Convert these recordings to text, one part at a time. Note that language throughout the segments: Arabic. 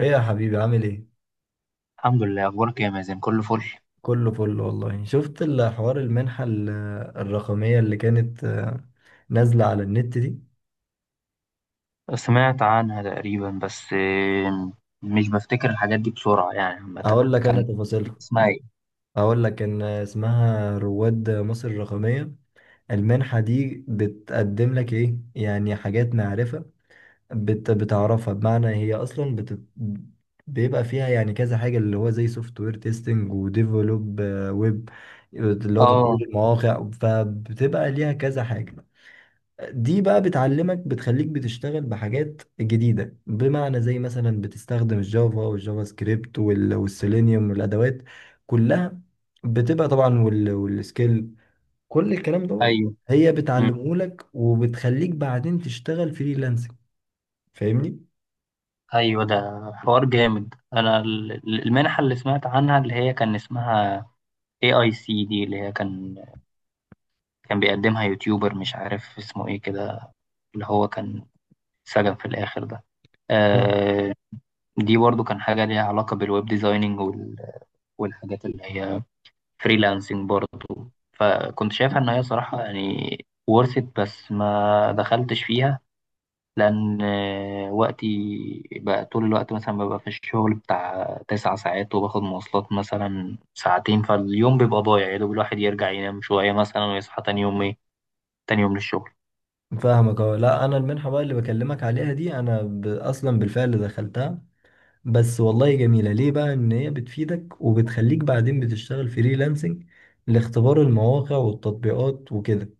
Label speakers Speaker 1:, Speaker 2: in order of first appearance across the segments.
Speaker 1: ايه يا حبيبي، عامل ايه؟
Speaker 2: الحمد لله. أخبارك يا مازن؟ كله فل.
Speaker 1: كله فل والله. شفت الحوار المنحة الرقمية اللي كانت نازلة على النت دي؟
Speaker 2: سمعت عنها تقريبا بس مش بفتكر الحاجات دي بسرعة، يعني عامة
Speaker 1: اقول لك انا
Speaker 2: كان
Speaker 1: تفاصيلها.
Speaker 2: اسمها ايه؟
Speaker 1: اقول لك ان اسمها رواد مصر الرقمية. المنحة دي بتقدم لك ايه؟ يعني حاجات معرفة، بتعرفها. بمعنى هي اصلا بيبقى فيها يعني كذا حاجة، اللي هو زي سوفت وير تيستنج وديفلوب ويب، اللي هو تطوير
Speaker 2: اه،
Speaker 1: المواقع، فبتبقى ليها كذا حاجة. دي بقى بتعلمك، بتخليك بتشتغل بحاجات جديدة. بمعنى زي مثلا بتستخدم الجافا والجافا سكريبت والسيلينيوم والأدوات كلها، بتبقى طبعا والسكيل، كل الكلام دوت.
Speaker 2: ايوه.
Speaker 1: هي
Speaker 2: مم.
Speaker 1: بتعلمهولك وبتخليك بعدين تشتغل فريلانسنج. فاهمني؟
Speaker 2: ايوه، ده حوار جامد. انا المنحة اللي سمعت عنها اللي هي كان اسمها اي اي سي دي، اللي هي كان بيقدمها يوتيوبر مش عارف اسمه ايه كده، اللي هو كان سجن في الآخر ده.
Speaker 1: ف-
Speaker 2: آه، دي برضو كان حاجة ليها علاقة بالويب ديزايننج والحاجات اللي هي فريلانسنج برضه، فكنت شايفها ان هي صراحة يعني ورثت بس ما دخلتش فيها لان وقتي بقى طول الوقت مثلا ببقى في الشغل بتاع تسع ساعات وباخد مواصلات مثلا ساعتين، فاليوم بيبقى ضايع يا دوب الواحد يرجع ينام شوية مثلا ويصحى تاني يوم ايه، تاني يوم للشغل.
Speaker 1: فاهمك. اه، لا، انا المنحة بقى اللي بكلمك عليها دي انا اصلا بالفعل دخلتها. بس والله جميلة ليه، بقى ان هي بتفيدك وبتخليك بعدين بتشتغل فريلانسنج لاختبار المواقع والتطبيقات وكده.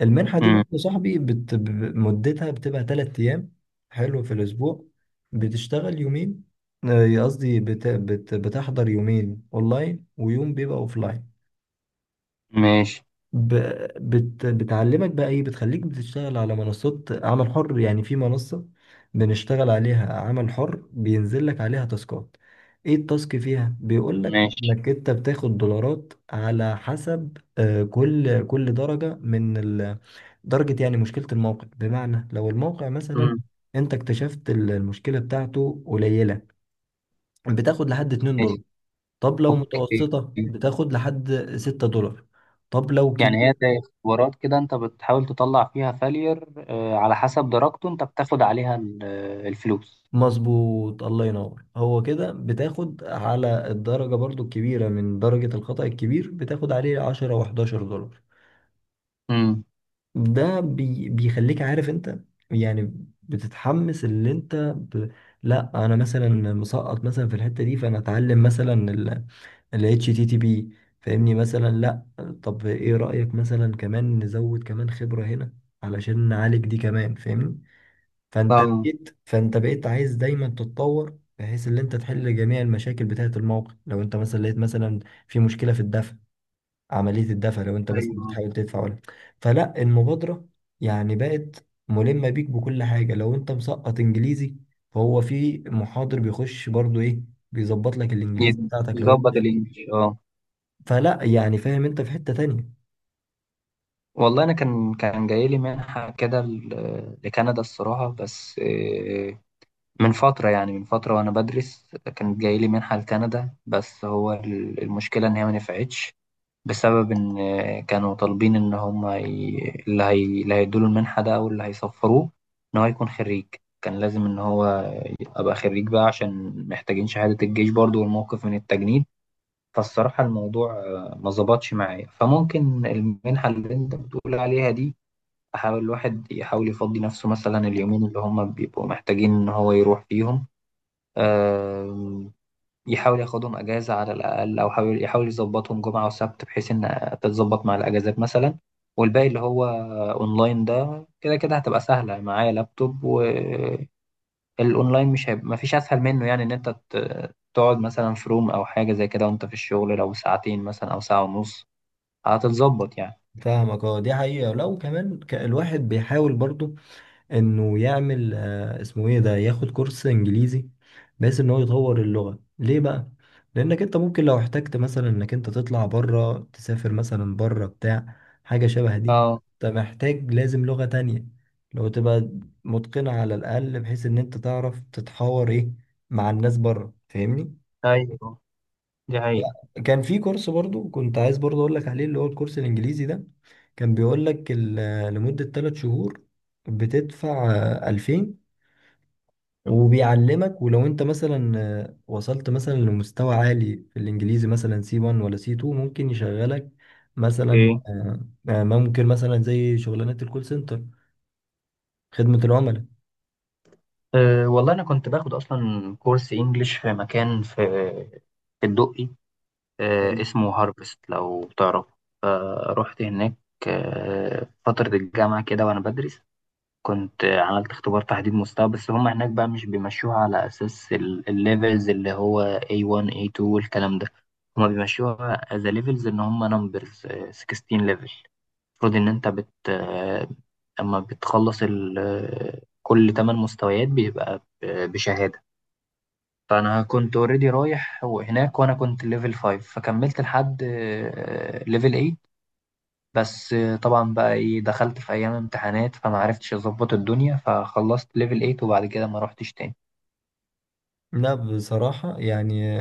Speaker 1: المنحة دي
Speaker 2: مم.
Speaker 1: برضه يا صاحبي مدتها بتبقى 3 ايام. حلو، في الاسبوع بتشتغل يومين، قصدي بتحضر يومين اونلاين ويوم بيبقى اوفلاين.
Speaker 2: ماشي.
Speaker 1: ب... بتعلمك بقى ايه، بتخليك بتشتغل على منصات عمل حر. يعني في منصة بنشتغل عليها عمل حر، بينزل لك عليها تاسكات. ايه التاسك فيها؟ بيقول لك
Speaker 2: ماشي.
Speaker 1: انك انت بتاخد دولارات على حسب، كل درجة درجة. يعني مشكلة الموقع، بمعنى لو الموقع مثلا
Speaker 2: مم.
Speaker 1: انت اكتشفت المشكلة بتاعته قليلة، بتاخد لحد $2.
Speaker 2: ماشي.
Speaker 1: طب لو
Speaker 2: اوكي.
Speaker 1: متوسطة بتاخد لحد $6. طب لو
Speaker 2: يعني
Speaker 1: كبيرة،
Speaker 2: هي زي اختبارات كده، انت بتحاول تطلع فيها فالير على حسب درجته انت بتاخد عليها الفلوس.
Speaker 1: مظبوط، الله ينور. هو كده بتاخد على الدرجة برضو الكبيرة، من درجة الخطأ الكبير بتاخد عليه 10 و $11.
Speaker 2: امم.
Speaker 1: ده بيخليك عارف انت يعني، بتتحمس. اللي انت لا، انا مثلا مسقط مثلا في الحتة دي، فانا اتعلم مثلا ال اتش تي تي بي، فاهمني؟ مثلا لا. طب ايه رأيك مثلا كمان نزود كمان خبرة هنا علشان نعالج دي كمان، فاهمني؟ فانت
Speaker 2: اه.
Speaker 1: بقيت فانت بقيت عايز دايما تتطور، بحيث ان انت تحل جميع المشاكل بتاعه الموقع. لو انت مثلا لقيت مثلا في مشكله في الدفع، عمليه الدفع، لو انت مثلا
Speaker 2: ايوه،
Speaker 1: بتحاول تدفع ولا، فلا المبادره يعني بقت ملمه بيك بكل حاجه. لو انت مسقط انجليزي، فهو في محاضر بيخش برضو ايه، بيظبط لك الانجليزي بتاعتك. لو انت
Speaker 2: يظبط الانجليش. اه
Speaker 1: فلا يعني فاهم انت في حته تانية.
Speaker 2: والله انا كان جاي لي منحه كده لكندا الصراحه، بس من فتره يعني من فتره وانا بدرس كانت جاي لي منحه لكندا، بس هو المشكله ان هي ما نفعتش بسبب ان كانوا طالبين ان هم اللي هيدوا له المنحه ده او اللي هيسفروه ان هو يكون خريج. كان لازم ان هو ابقى خريج بقى عشان محتاجين شهاده الجيش برضو والموقف من التجنيد. فالصراحة الموضوع ما ظبطش معايا، فممكن المنحة اللي انت بتقول عليها دي احاول الواحد يحاول يفضي نفسه مثلا اليومين اللي هم بيبقوا محتاجين ان هو يروح فيهم. آم، يحاول ياخدهم اجازة على الاقل او حاول يحاول يظبطهم جمعة وسبت بحيث ان تتظبط مع الاجازات مثلا. والباقي اللي هو اونلاين ده كده كده هتبقى سهلة معايا لابتوب. الاونلاين مش هيبقى مفيش اسهل منه، يعني ان انت تقعد مثلا في روم او حاجه زي كده وانت في الشغل لو ساعتين مثلا او ساعه ونص هتتظبط يعني.
Speaker 1: فاهمك. اه دي حقيقه. لو كمان الواحد بيحاول برضو انه يعمل اسمه ايه ده، ياخد كورس انجليزي بحيث ان هو يطور اللغة ليه بقى. لانك انت ممكن لو احتجت مثلا انك انت تطلع بره، تسافر مثلا بره بتاع حاجة شبه دي،
Speaker 2: اه.
Speaker 1: انت محتاج، لازم لغة تانية، لو تبقى متقنة على الاقل، بحيث ان انت تعرف تتحاور ايه مع الناس بره، فاهمني؟
Speaker 2: ايوه دي حقيقة.
Speaker 1: كان في كورس برضو كنت عايز برضو اقول لك عليه، اللي هو الكورس الانجليزي ده، كان بيقول لك لمدة 3 شهور بتدفع 2000، وبيعلمك. ولو انت مثلا وصلت مثلا لمستوى عالي في الانجليزي، مثلا سي 1 ولا سي 2، ممكن يشغلك مثلا،
Speaker 2: ايه؟
Speaker 1: ممكن مثلا زي شغلانات الكول سنتر، خدمة العملاء.
Speaker 2: أه والله انا كنت باخد اصلا كورس انجليش في مكان في في الدقي. أه اسمه هارفست لو تعرف. فرحت هناك أه فترة الجامعة كده وانا بدرس. كنت عملت اختبار تحديد مستوى، بس هم هناك بقى مش بيمشوها على أساس الليفلز اللي هو A1 A2 والكلام ده. هم بيمشوها as a levels إن هم numbers، 16 level. المفروض إن أنت بت آه، أما بتخلص ال... آه، كل 8 مستويات بيبقى بشهادة. فأنا كنت اوريدي رايح هناك وأنا كنت ليفل 5، فكملت لحد ليفل 8 بس. طبعا بقى ايه، دخلت في ايام امتحانات فما عرفتش اظبط الدنيا، فخلصت ليفل 8 وبعد كده ما روحتش تاني.
Speaker 1: لا بصراحة يعني،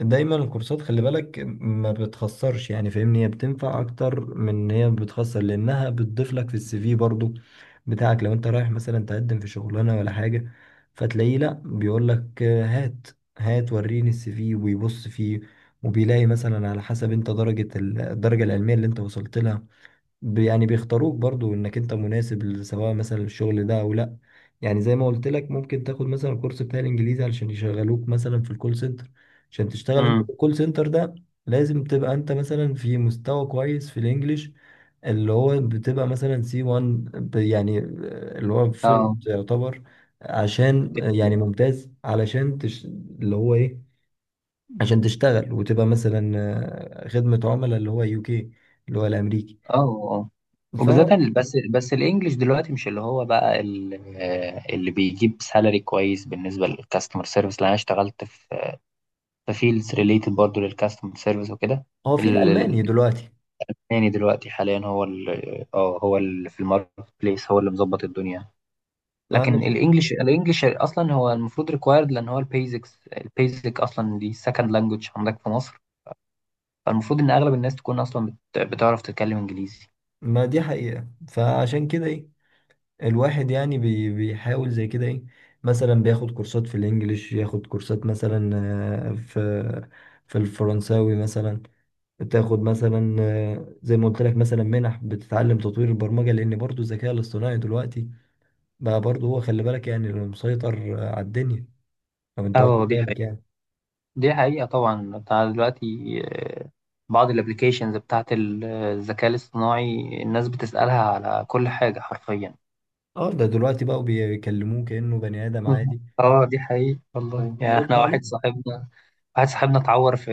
Speaker 1: دايما الكورسات خلي بالك ما بتخسرش، يعني فاهمني، هي بتنفع اكتر من ان هي بتخسر، لانها بتضيف لك في السي في برضو بتاعك. لو انت رايح مثلا تقدم في شغلانة ولا حاجة، فتلاقيه لا بيقول لك هات، هات وريني السي في، ويبص فيه، وبيلاقي مثلا على حسب انت درجة الدرجة العلمية اللي انت وصلت لها، يعني بيختاروك برضو انك انت مناسب، سواء مثلا الشغل ده او لا. يعني زي ما قلت لك، ممكن تاخد مثلا الكورس بتاع الانجليزي علشان يشغلوك مثلا في الكول سنتر. عشان تشتغل انت في
Speaker 2: امم.
Speaker 1: الكول سنتر ده، لازم تبقى انت مثلا في مستوى كويس في الانجليش، اللي هو بتبقى مثلا سي 1 يعني، اللي هو فيلم
Speaker 2: اه.
Speaker 1: يعتبر، عشان يعني ممتاز. علشان اللي هو ايه، عشان تشتغل وتبقى مثلا خدمة عملاء، اللي هو يو كي، اللي هو الامريكي.
Speaker 2: اه. اه وبالذات بس الانجليش دلوقتي مش اللي هو بقى اللي بيجيب سالري كويس بالنسبه للكاستمر سيرفيس، لان انا اشتغلت في في فيلدز ريليتد برضه للكاستمر سيرفيس وكده.
Speaker 1: هو في
Speaker 2: ال-
Speaker 1: الألماني دلوقتي.
Speaker 2: التاني دلوقتي حاليا هو هو اللي في الماركت بليس هو اللي مظبط الدنيا.
Speaker 1: ما أنا
Speaker 2: لكن
Speaker 1: شو-
Speaker 2: الانجليش الانجليش اصلا هو المفروض ريكوايرد، لان هو البيزكس البيزك اصلا دي سكند لانجوج عندك في مصر. فالمفروض ان اغلب الناس تكون اصلا بتعرف تتكلم انجليزي.
Speaker 1: ما دي حقيقة، فعشان كده إيه، الواحد يعني بيحاول زي كده إيه، مثلا بياخد كورسات في الإنجليش، ياخد كورسات مثلا آه، في في الفرنساوي مثلا. تاخد مثلا زي ما قلت لك مثلا منح بتتعلم تطوير البرمجة، لأن برضو الذكاء الاصطناعي دلوقتي بقى برضو هو، خلي بالك يعني اللي مسيطر على الدنيا، لو أنت
Speaker 2: اه
Speaker 1: واخد
Speaker 2: دي حقيقة.
Speaker 1: بالك يعني.
Speaker 2: دي حقيقة طبعا بتاع دلوقتي. آه، بعض الابليكيشنز بتاعت الذكاء الاصطناعي الناس بتسألها على كل حاجة حرفيا.
Speaker 1: اه ده دلوقتي بقوا بيكلموه كأنه بني آدم
Speaker 2: مهم.
Speaker 1: عادي
Speaker 2: اه دي حقيقة والله، يعني
Speaker 1: وبيرد
Speaker 2: احنا
Speaker 1: عليه.
Speaker 2: واحد صاحبنا واحد صاحبنا اتعور في،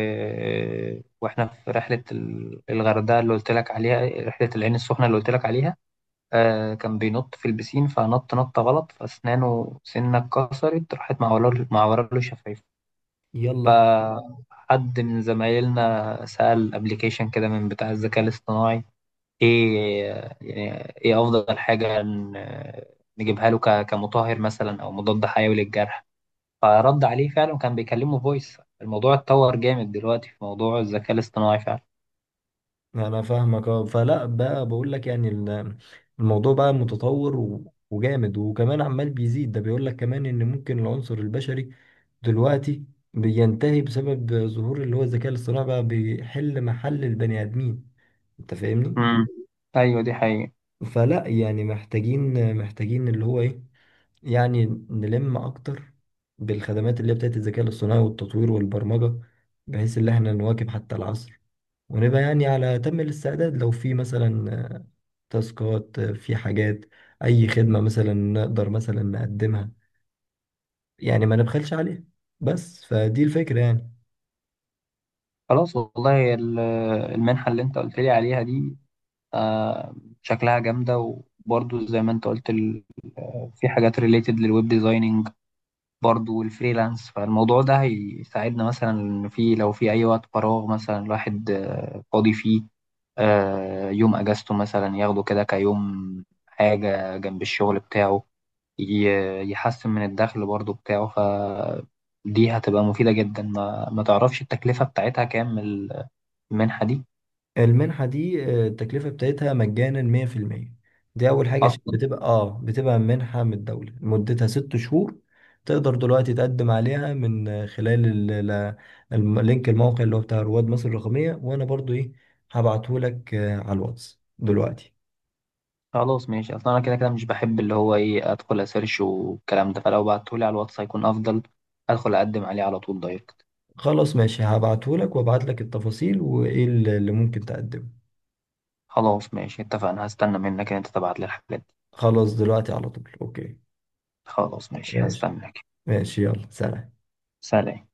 Speaker 2: واحنا في رحلة الغردقة اللي قلت لك عليها، رحلة العين السخنة اللي قلت لك عليها. آه كان بينط في البسين فنط نطة غلط فأسنانه سنة اتكسرت، راحت معوراله معوراله شفايفه.
Speaker 1: يلا.
Speaker 2: فحد من زمايلنا سأل أبليكيشن كده من بتاع الذكاء الاصطناعي إيه، يعني إيه أفضل حاجة نجيبها له كمطهر مثلا أو مضاد حيوي للجرح. فرد عليه فعلا وكان بيكلمه فويس. الموضوع اتطور جامد دلوقتي في موضوع الذكاء الاصطناعي فعلا.
Speaker 1: انا فاهمك. اه فلا بقى، بقول لك يعني الموضوع بقى متطور وجامد، وكمان عمال بيزيد. ده بيقول لك كمان ان ممكن العنصر البشري دلوقتي بينتهي بسبب ظهور اللي هو الذكاء الاصطناعي، بقى بيحل محل البني ادمين. انت فاهمني؟
Speaker 2: مم. أيوة دي حقيقة.
Speaker 1: فلا يعني محتاجين اللي هو ايه يعني، نلم اكتر بالخدمات اللي هي بتاعت الذكاء الاصطناعي والتطوير والبرمجة، بحيث ان احنا نواكب حتى العصر، ونبقى يعني على أتم الاستعداد. لو في مثلا تاسكات، في حاجات، اي خدمة مثلا نقدر مثلا نقدمها، يعني ما نبخلش عليها. بس فدي الفكرة يعني.
Speaker 2: خلاص والله المنحة اللي أنت قلت لي عليها دي آه، شكلها جامدة. وبرضو زي ما انت قلت في حاجات ريليتد للويب ديزايننج برضو والفريلانس. فالموضوع ده هيساعدنا مثلا إن في لو في أي وقت فراغ مثلا الواحد فاضي فيه يوم أجازته مثلا ياخده كده كيوم حاجة جنب الشغل بتاعه، يحسن من الدخل برضو بتاعه. فدي هتبقى مفيدة جدا. ما تعرفش التكلفة بتاعتها كام المنحة دي
Speaker 1: المنحة دي التكلفة بتاعتها مجانا 100%. دي اول حاجة، عشان
Speaker 2: أصلا؟
Speaker 1: بتبقى اه بتبقى منحة من الدولة، مدتها 6 شهور. تقدر دلوقتي تقدم عليها من خلال لينك الموقع اللي هو بتاع رواد مصر الرقمية. وانا برضو ايه هبعتهولك على الواتس دلوقتي.
Speaker 2: خلاص ماشي، اصلا انا كده كده مش بحب اللي هو ايه ادخل اسيرش والكلام ده، فلو بعتهولي على الواتس هيكون افضل. ادخل اقدم عليه على طول دايركت.
Speaker 1: خلاص ماشي، هبعتهولك وابعتلك التفاصيل وايه اللي ممكن تقدمه.
Speaker 2: خلاص ماشي اتفقنا. هستنى منك ان انت تبعت لي الحاجات دي.
Speaker 1: خلاص دلوقتي على طول. اوكي،
Speaker 2: خلاص ماشي
Speaker 1: ماشي.
Speaker 2: هستناك.
Speaker 1: ماشي يلا، سلام.
Speaker 2: سلام.